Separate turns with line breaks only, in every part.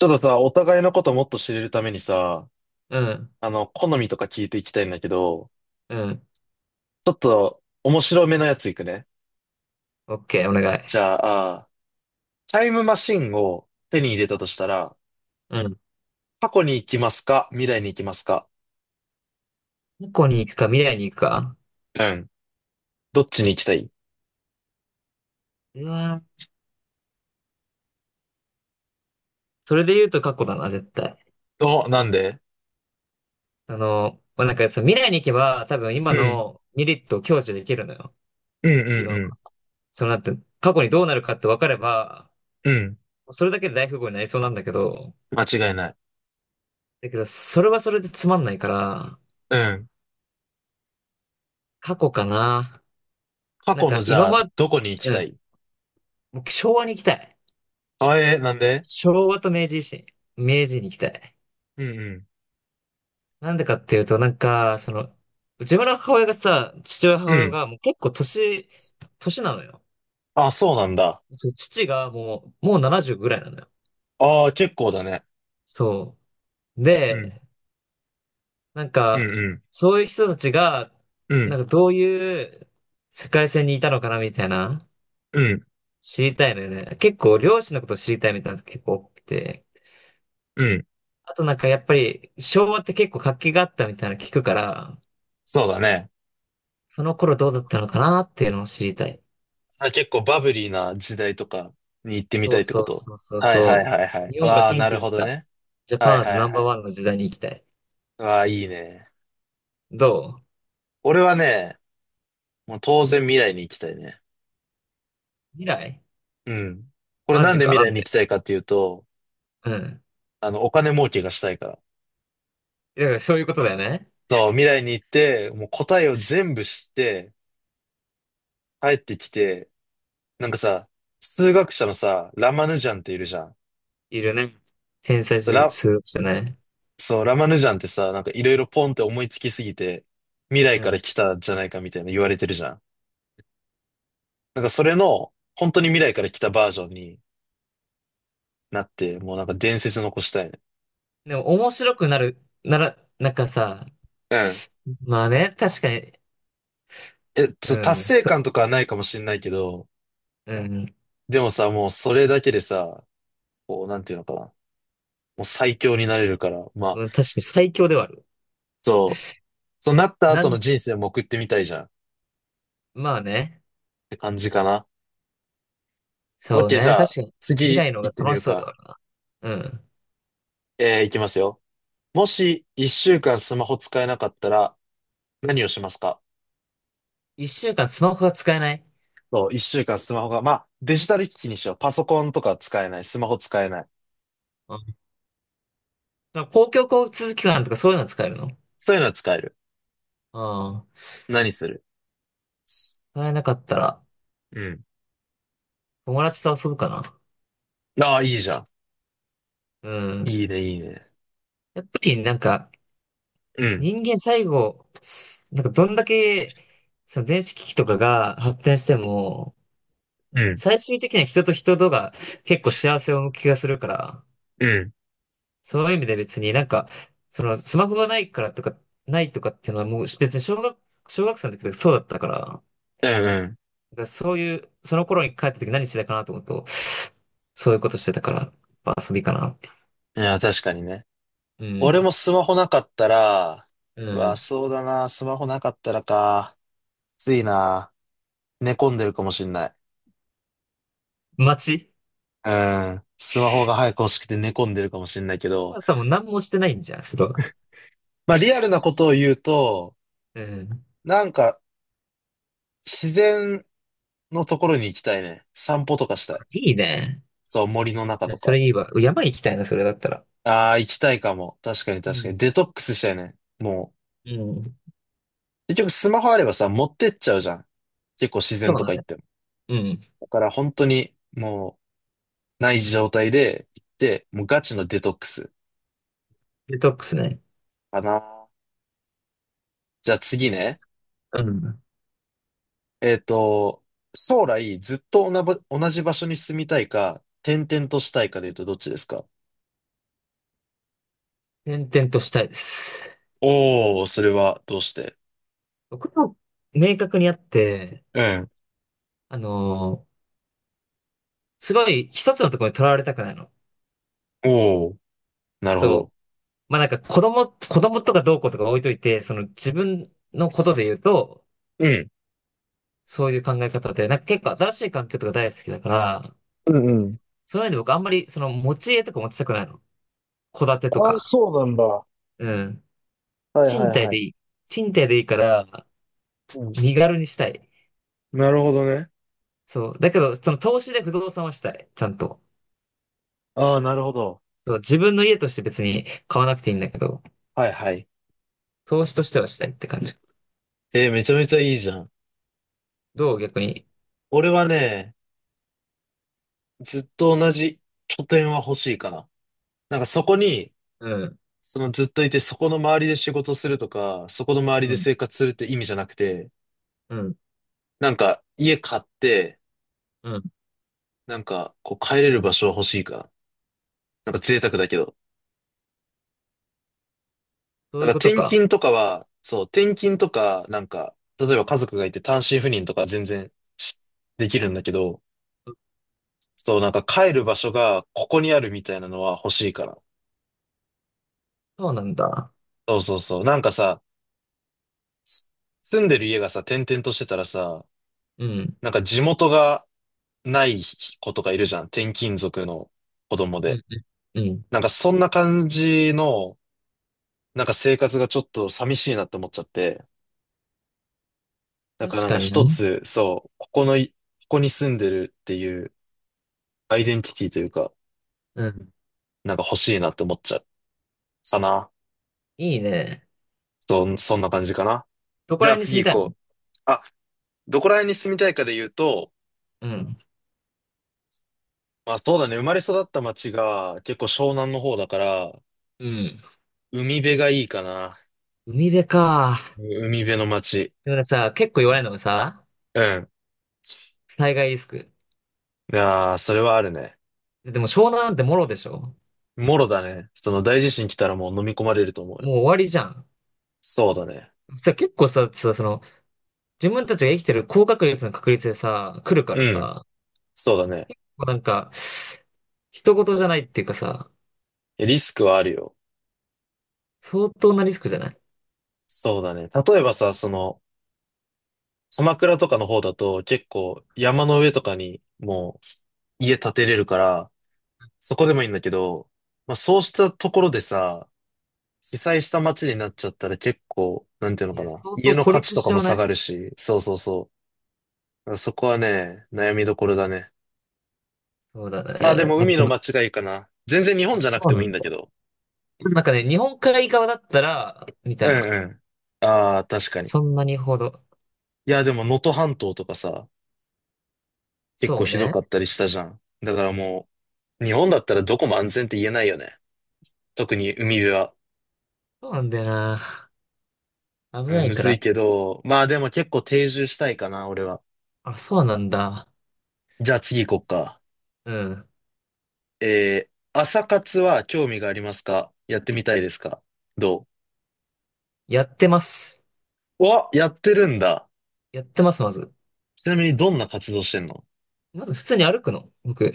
ちょっとさ、お互いのこともっと知れるためにさ、
うん、
好みとか聞いていきたいんだけど、
うん。
ちょっと面白めのやついくね。
オッケー、お願
じ
い。
ゃあ、タイムマシンを手に入れたとしたら、
うん。
過去に行きますか未来に行きますか？
過去に行くか、未来に行くか。
うん。どっちに行きたい？
うわー、それで言うと過去だな、絶対。
お、なんで？
まあ、なんか未来に行けば、多分
う
今
ん。
のメリットを享受できるのよ。
うんうん
今、
う
そのなんて、過去にどうなるかって分かれば、
ん。うん。
それだけで大富豪になりそうなんだけど、
間違いない。
だけど、それはそれでつまんないから、
うん。
過去かな。
過
なん
去の、
か
じ
今
ゃあ、
ま、
どこに行き
う
た
ん。
い？
僕、昭和に行きたい。
あ、なんで？
昭和と明治維新。明治に行きたい。
うん
なんでかっていうと、なんか、自分の母親がさ、父親
う
母
ん。う
親
ん。
がもう結構年なのよ。
あ、そうなんだ。
そう、父がもう70ぐらいなのよ。
ああ、結構だね。
そう。
うん。
で、なん
うん
か、
うん。
そういう人たちが、
う
な
ん。
んかどういう世界線にいたのかなみたいな、
うん。
知りたいのよね。結構両親のことを知りたいみたいなのが結構多くて。
うん。
あとなんかやっぱり昭和って結構活気があったみたいなの聞くから、
そうだね。
その頃どうだったのかなっていうのを知りたい。
あ、結構バブリーな時代とかに行ってみ
そ
た
う
いって
そ
こ
う
と？
そうそう
はいはい
そ
はいは
う。
い。
日本が
わあ、
元
な
気
る
だっ
ほど
た。
ね。
ジャ
は
パン
い
アズ
はい
ナンバ
は
ー
い。
ワンの時代に行きたい。
わあ、いいね。
どう？
俺はね、もう当然未来に行きたいね。
未来
うん。これ
マ
なん
ジ
で
か
未
な
来
ん
に行
て。
きたいかっていうと、
うん。
お金儲けがしたいから。
だからそういうことだよね。
そう、未来に行って、もう答えを全部知って、帰ってきて、なんかさ、数学者のさ、ラマヌジャンっているじゃん。
いるね。天才
そう、
数
ラ、
学者ね。
そう、ラマヌジャンってさ、なんかいろいろポンって思いつきすぎて、未来
う
から
ん。
来たじゃないかみたいな言われてるじゃん。なんかそれの、本当に未来から来たバージョンになって、もうなんか伝説残したいね。
でも面白くなら、なんかさ、
うん。
まあね、確かに、
え、そう、
う
達
ん、
成
そ
感とかはないかもしれないけど、
うん、
でもさ、もうそれだけでさ、こう、なんていうのかな。もう最強になれるから、まあ、
うん、確かに最強ではある。
そう、そうなった
な
後の
ん、
人生も送ってみたいじゃんっ
まあね、
て感じかな。オッ
そう
ケー、じ
ね、
ゃ
確
あ、
かに未
次
来の方
行って
が
み
楽
る
しそうで
か。
はあるな。うん。
いきますよ。もし、一週間スマホ使えなかったら、何をしますか？
一週間スマホが使えない。
そう、一週間スマホが、まあ、デジタル機器にしよう。パソコンとか使えない。スマホ使えない。
なんか公共交通機関とかそういうの使えるの？
そういうのは使える。
ああ、
何する？
使えなかったら、
うん。
友達と遊ぶかな。
ああ、いいじゃん。
うん。
いいね、いいね。
やっぱりなんか、
うん。
人間最後、なんかどんだけ、その電子機器とかが発展しても、
うん。
最終的には人と人とが結構幸せを向く気がするから、
うん。
そういう意味で別になんか、そのスマホがないからとか、ないとかっていうのはもう別に小学生の時とかそうだったから、
うんう
だからそういう、その頃に帰った時何してたかなと思うと、そういうことしてたから、やっぱ遊びかなって。
ん。いや、確かにね。
う
俺
ん。
もスマホなかったら、う
う
わ、
ん。
そうだな。スマホなかったらか。きついな。寝込んでるかもしんない。
街、
うん。スマホが早く欲しくて寝込んでるかもしんないけど、
まあ多分何もしてないんじゃん、それは。
まあ、リアルなことを言うと、
うん。
なんか、自然のところに行きたいね。散歩とかしたい。
いいね。
そう、森の中と
そ
か。
れいいわ。山行きたいな、それだったら。
ああ、行きたいかも。確かに
う
確かに。
ん。
デトックスしたいね。も
うん。
う、結局スマホあればさ、持ってっちゃうじゃん。結構自
そう
然
な
と
の
か行っ
ね。
ても。
うん。
だから本当に、もう、ない状態で行って、もうガチのデトックス
デトックスね。
かな。じゃあ次ね。
うん。
えっと、将来ずっと同じ場所に住みたいか、転々としたいかで言うとどっちですか？
転々としたいです。
おー、それはどうして？
僕も明確にあって、
うん。
あのーすごい一つのところにとらわれたくないの。
おー、なるほ
そ
ど。
う。まあなんか子供とかどうこうとか置いといて、その自分のことで言うと、
うん。
そういう考え方で、なんか結構新しい環境とか大好きだから、
うんうん。
そういうので僕あんまりその持ち家とか持ちたくないの。戸建てと
ああ、
か。
そうなんだ。は
うん。
いはい
賃貸
は
で
い。
いい。賃貸でいいから、
うん。
身軽にしたい。
なるほどね。
そう。だけど、その投資で不動産はしたい。ちゃんと。
ああ、なるほど。
そう、自分の家として別に買わなくていいんだけど、
はいはい。
投資としてはしたいって感じ。
めちゃめちゃいいじゃん。
どう？逆に。
俺はね、ずっと同じ拠点は欲しいかな。なんかそこに、
うん。
そのずっといて、そこの周りで仕事するとか、そこの周り
う
で
ん。
生活するって意味じゃなくて、
うん。
なんか家買って、
うん。
なんかこう帰れる場所は欲しいかな。なんか贅沢だけど。
そう
だか
い
ら
うこと
転
か。
勤とかは、そう、転勤とか、なんか、例えば家族がいて単身赴任とか全然しできるんだけど、そう、なんか帰る場所がここにあるみたいなのは欲しいから。
そうなんだ。
そうそうそう。なんかさ、す住んでる家がさ、転々としてたらさ、
うん。
なんか地元がない子とかいるじゃん。転勤族の子供
う
で。
ん、うん。うん、
なんかそんな感じの、なんか生活がちょっと寂しいなって思っちゃって。だ
確
からなんか
かにな。
一つ、そう、ここのい、ここに住んでるっていう、アイデンティティというか、
うん。
なんか欲しいなって思っちゃう。かな。
いいね。
そんな感じかな。
どこ
じ
ら
ゃあ
辺に住
次
み
行
たいの？
こう。あ、どこら辺に住みたいかで言うと、
うん。
まあそうだね、生まれ育った町が結構湘南の方だから、
うん。
海辺がいいかな。
海辺か。
海辺の町。
でもねさ、結構言われるのがさ、
うん。
災害リスク。
いやー、それはあるね。
でも湘南なんてもろでしょ？
もろだね。その大地震来たらもう飲み込まれると思う
も
よ。
う終わりじゃん。
そうだね。
結構さ、自分たちが生きてる高確率の確率でさ、来るか
う
ら
ん。
さ、
そうだね。
もうなんか、人事じゃないっていうかさ、
リスクはあるよ。
相当なリスクじゃない？
そうだね。例えばさ、その、鎌倉とかの方だと結構山の上とかにもう家建てれるから、そこでもいいんだけど、まあそうしたところでさ、被災した街になっちゃったら結構、なんていうの
い
か
や、
な、
相
家
当
の
孤
価値
立
と
し
か
ちゃ
も
わ
下
ない？
がるし、そうそうそう。だからそこはね、悩みどころだね。
そうだ
まあ
ね。
でも
なんか
海
そ
の
の、
街がいいかな。全然日本
あ、
じゃなく
そう
ても
な
いい
ん
ん
だ。
だけど。
なんかね、日本海側だったら、みた
う
い
ん
な。
うん。ああ、確かに。
そんなにほど。
いやでも能登半島とかさ、結構
そう
ひど
ね。
かったりしたじゃん。だからもう、日本だったらどこも安全って言えないよね。特に海辺は。
そうなんだよな。危
う
な
ん、
い
む
か
ずい
ら。
けど、まあでも結構定住したいかな、俺は。
あ、そうなんだ。
じゃあ次行こっか。
うん。
えー、朝活は興味がありますか？やってみたいですか？ど
やってます。
うわ、やってるんだ。
やってます、まず。
ちなみにどんな活動してんの？
まず普通に歩くの。僕。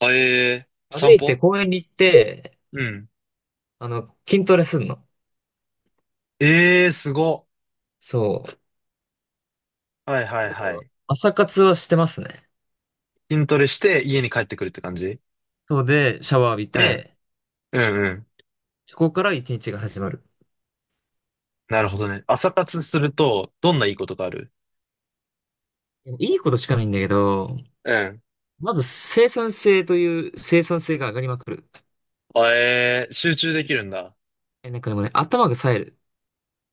あ、
歩
散
いて
歩？
公園に行って、
うん。
筋トレすんの。
ええー、すご。
そう。
はいはい
だか
は
ら、
い。
朝活はしてますね。
筋トレして家に帰ってくるって感じ？
そうで、シャワー浴び
うん。
て、
うんうん。
そこから一日が始まる。
なるほどね。朝活すると、どんないいことがある？
いいことしかないんだけど、
うん。
まず生産性という生産性が上がりまくる。
あ、集中できるんだ。
え、なんかでもね、頭が冴える。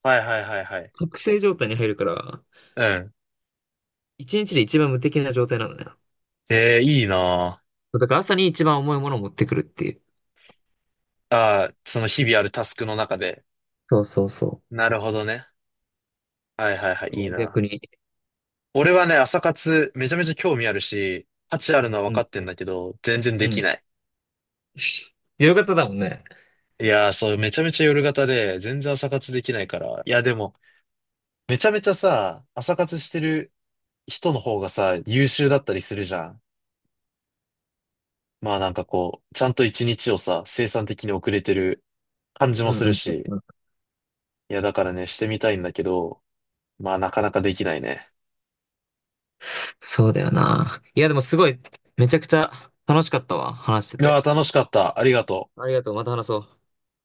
はいはいはいはい。
覚醒状態に入るから、
うん。
一日で一番無敵な状態なんだよ。
ええ、いいなあ。
そうだから朝に一番重いものを持ってくるっていう。
ああ、その日々あるタスクの中で。
そうそうそ
なるほどね。はいはいはい、
う。
い
そ
い
う？
な。
逆に。
俺はね、朝活めちゃめちゃ興味あるし、価値あるのは分
う
か
ん、
ってんだけど、全然
う
でき
ん。
ない。
夜型だもんね。
いやー、そう、めちゃめちゃ夜型で、全然朝活できないから。いや、でも、めちゃめちゃさ、朝活してる人の方がさ、優秀だったりするじゃん。まあなんかこう、ちゃんと一日をさ、生産的に遅れてる感じも
うん
す
う
る
ん
し。
うんうん。
いや、だからね、してみたいんだけど、まあなかなかできないね。
そうだよな。いや、でもすごい、めちゃくちゃ楽しかったわ。話して
いや
て。
ー、楽しかった。ありがとう。
ありがとう。また話そう。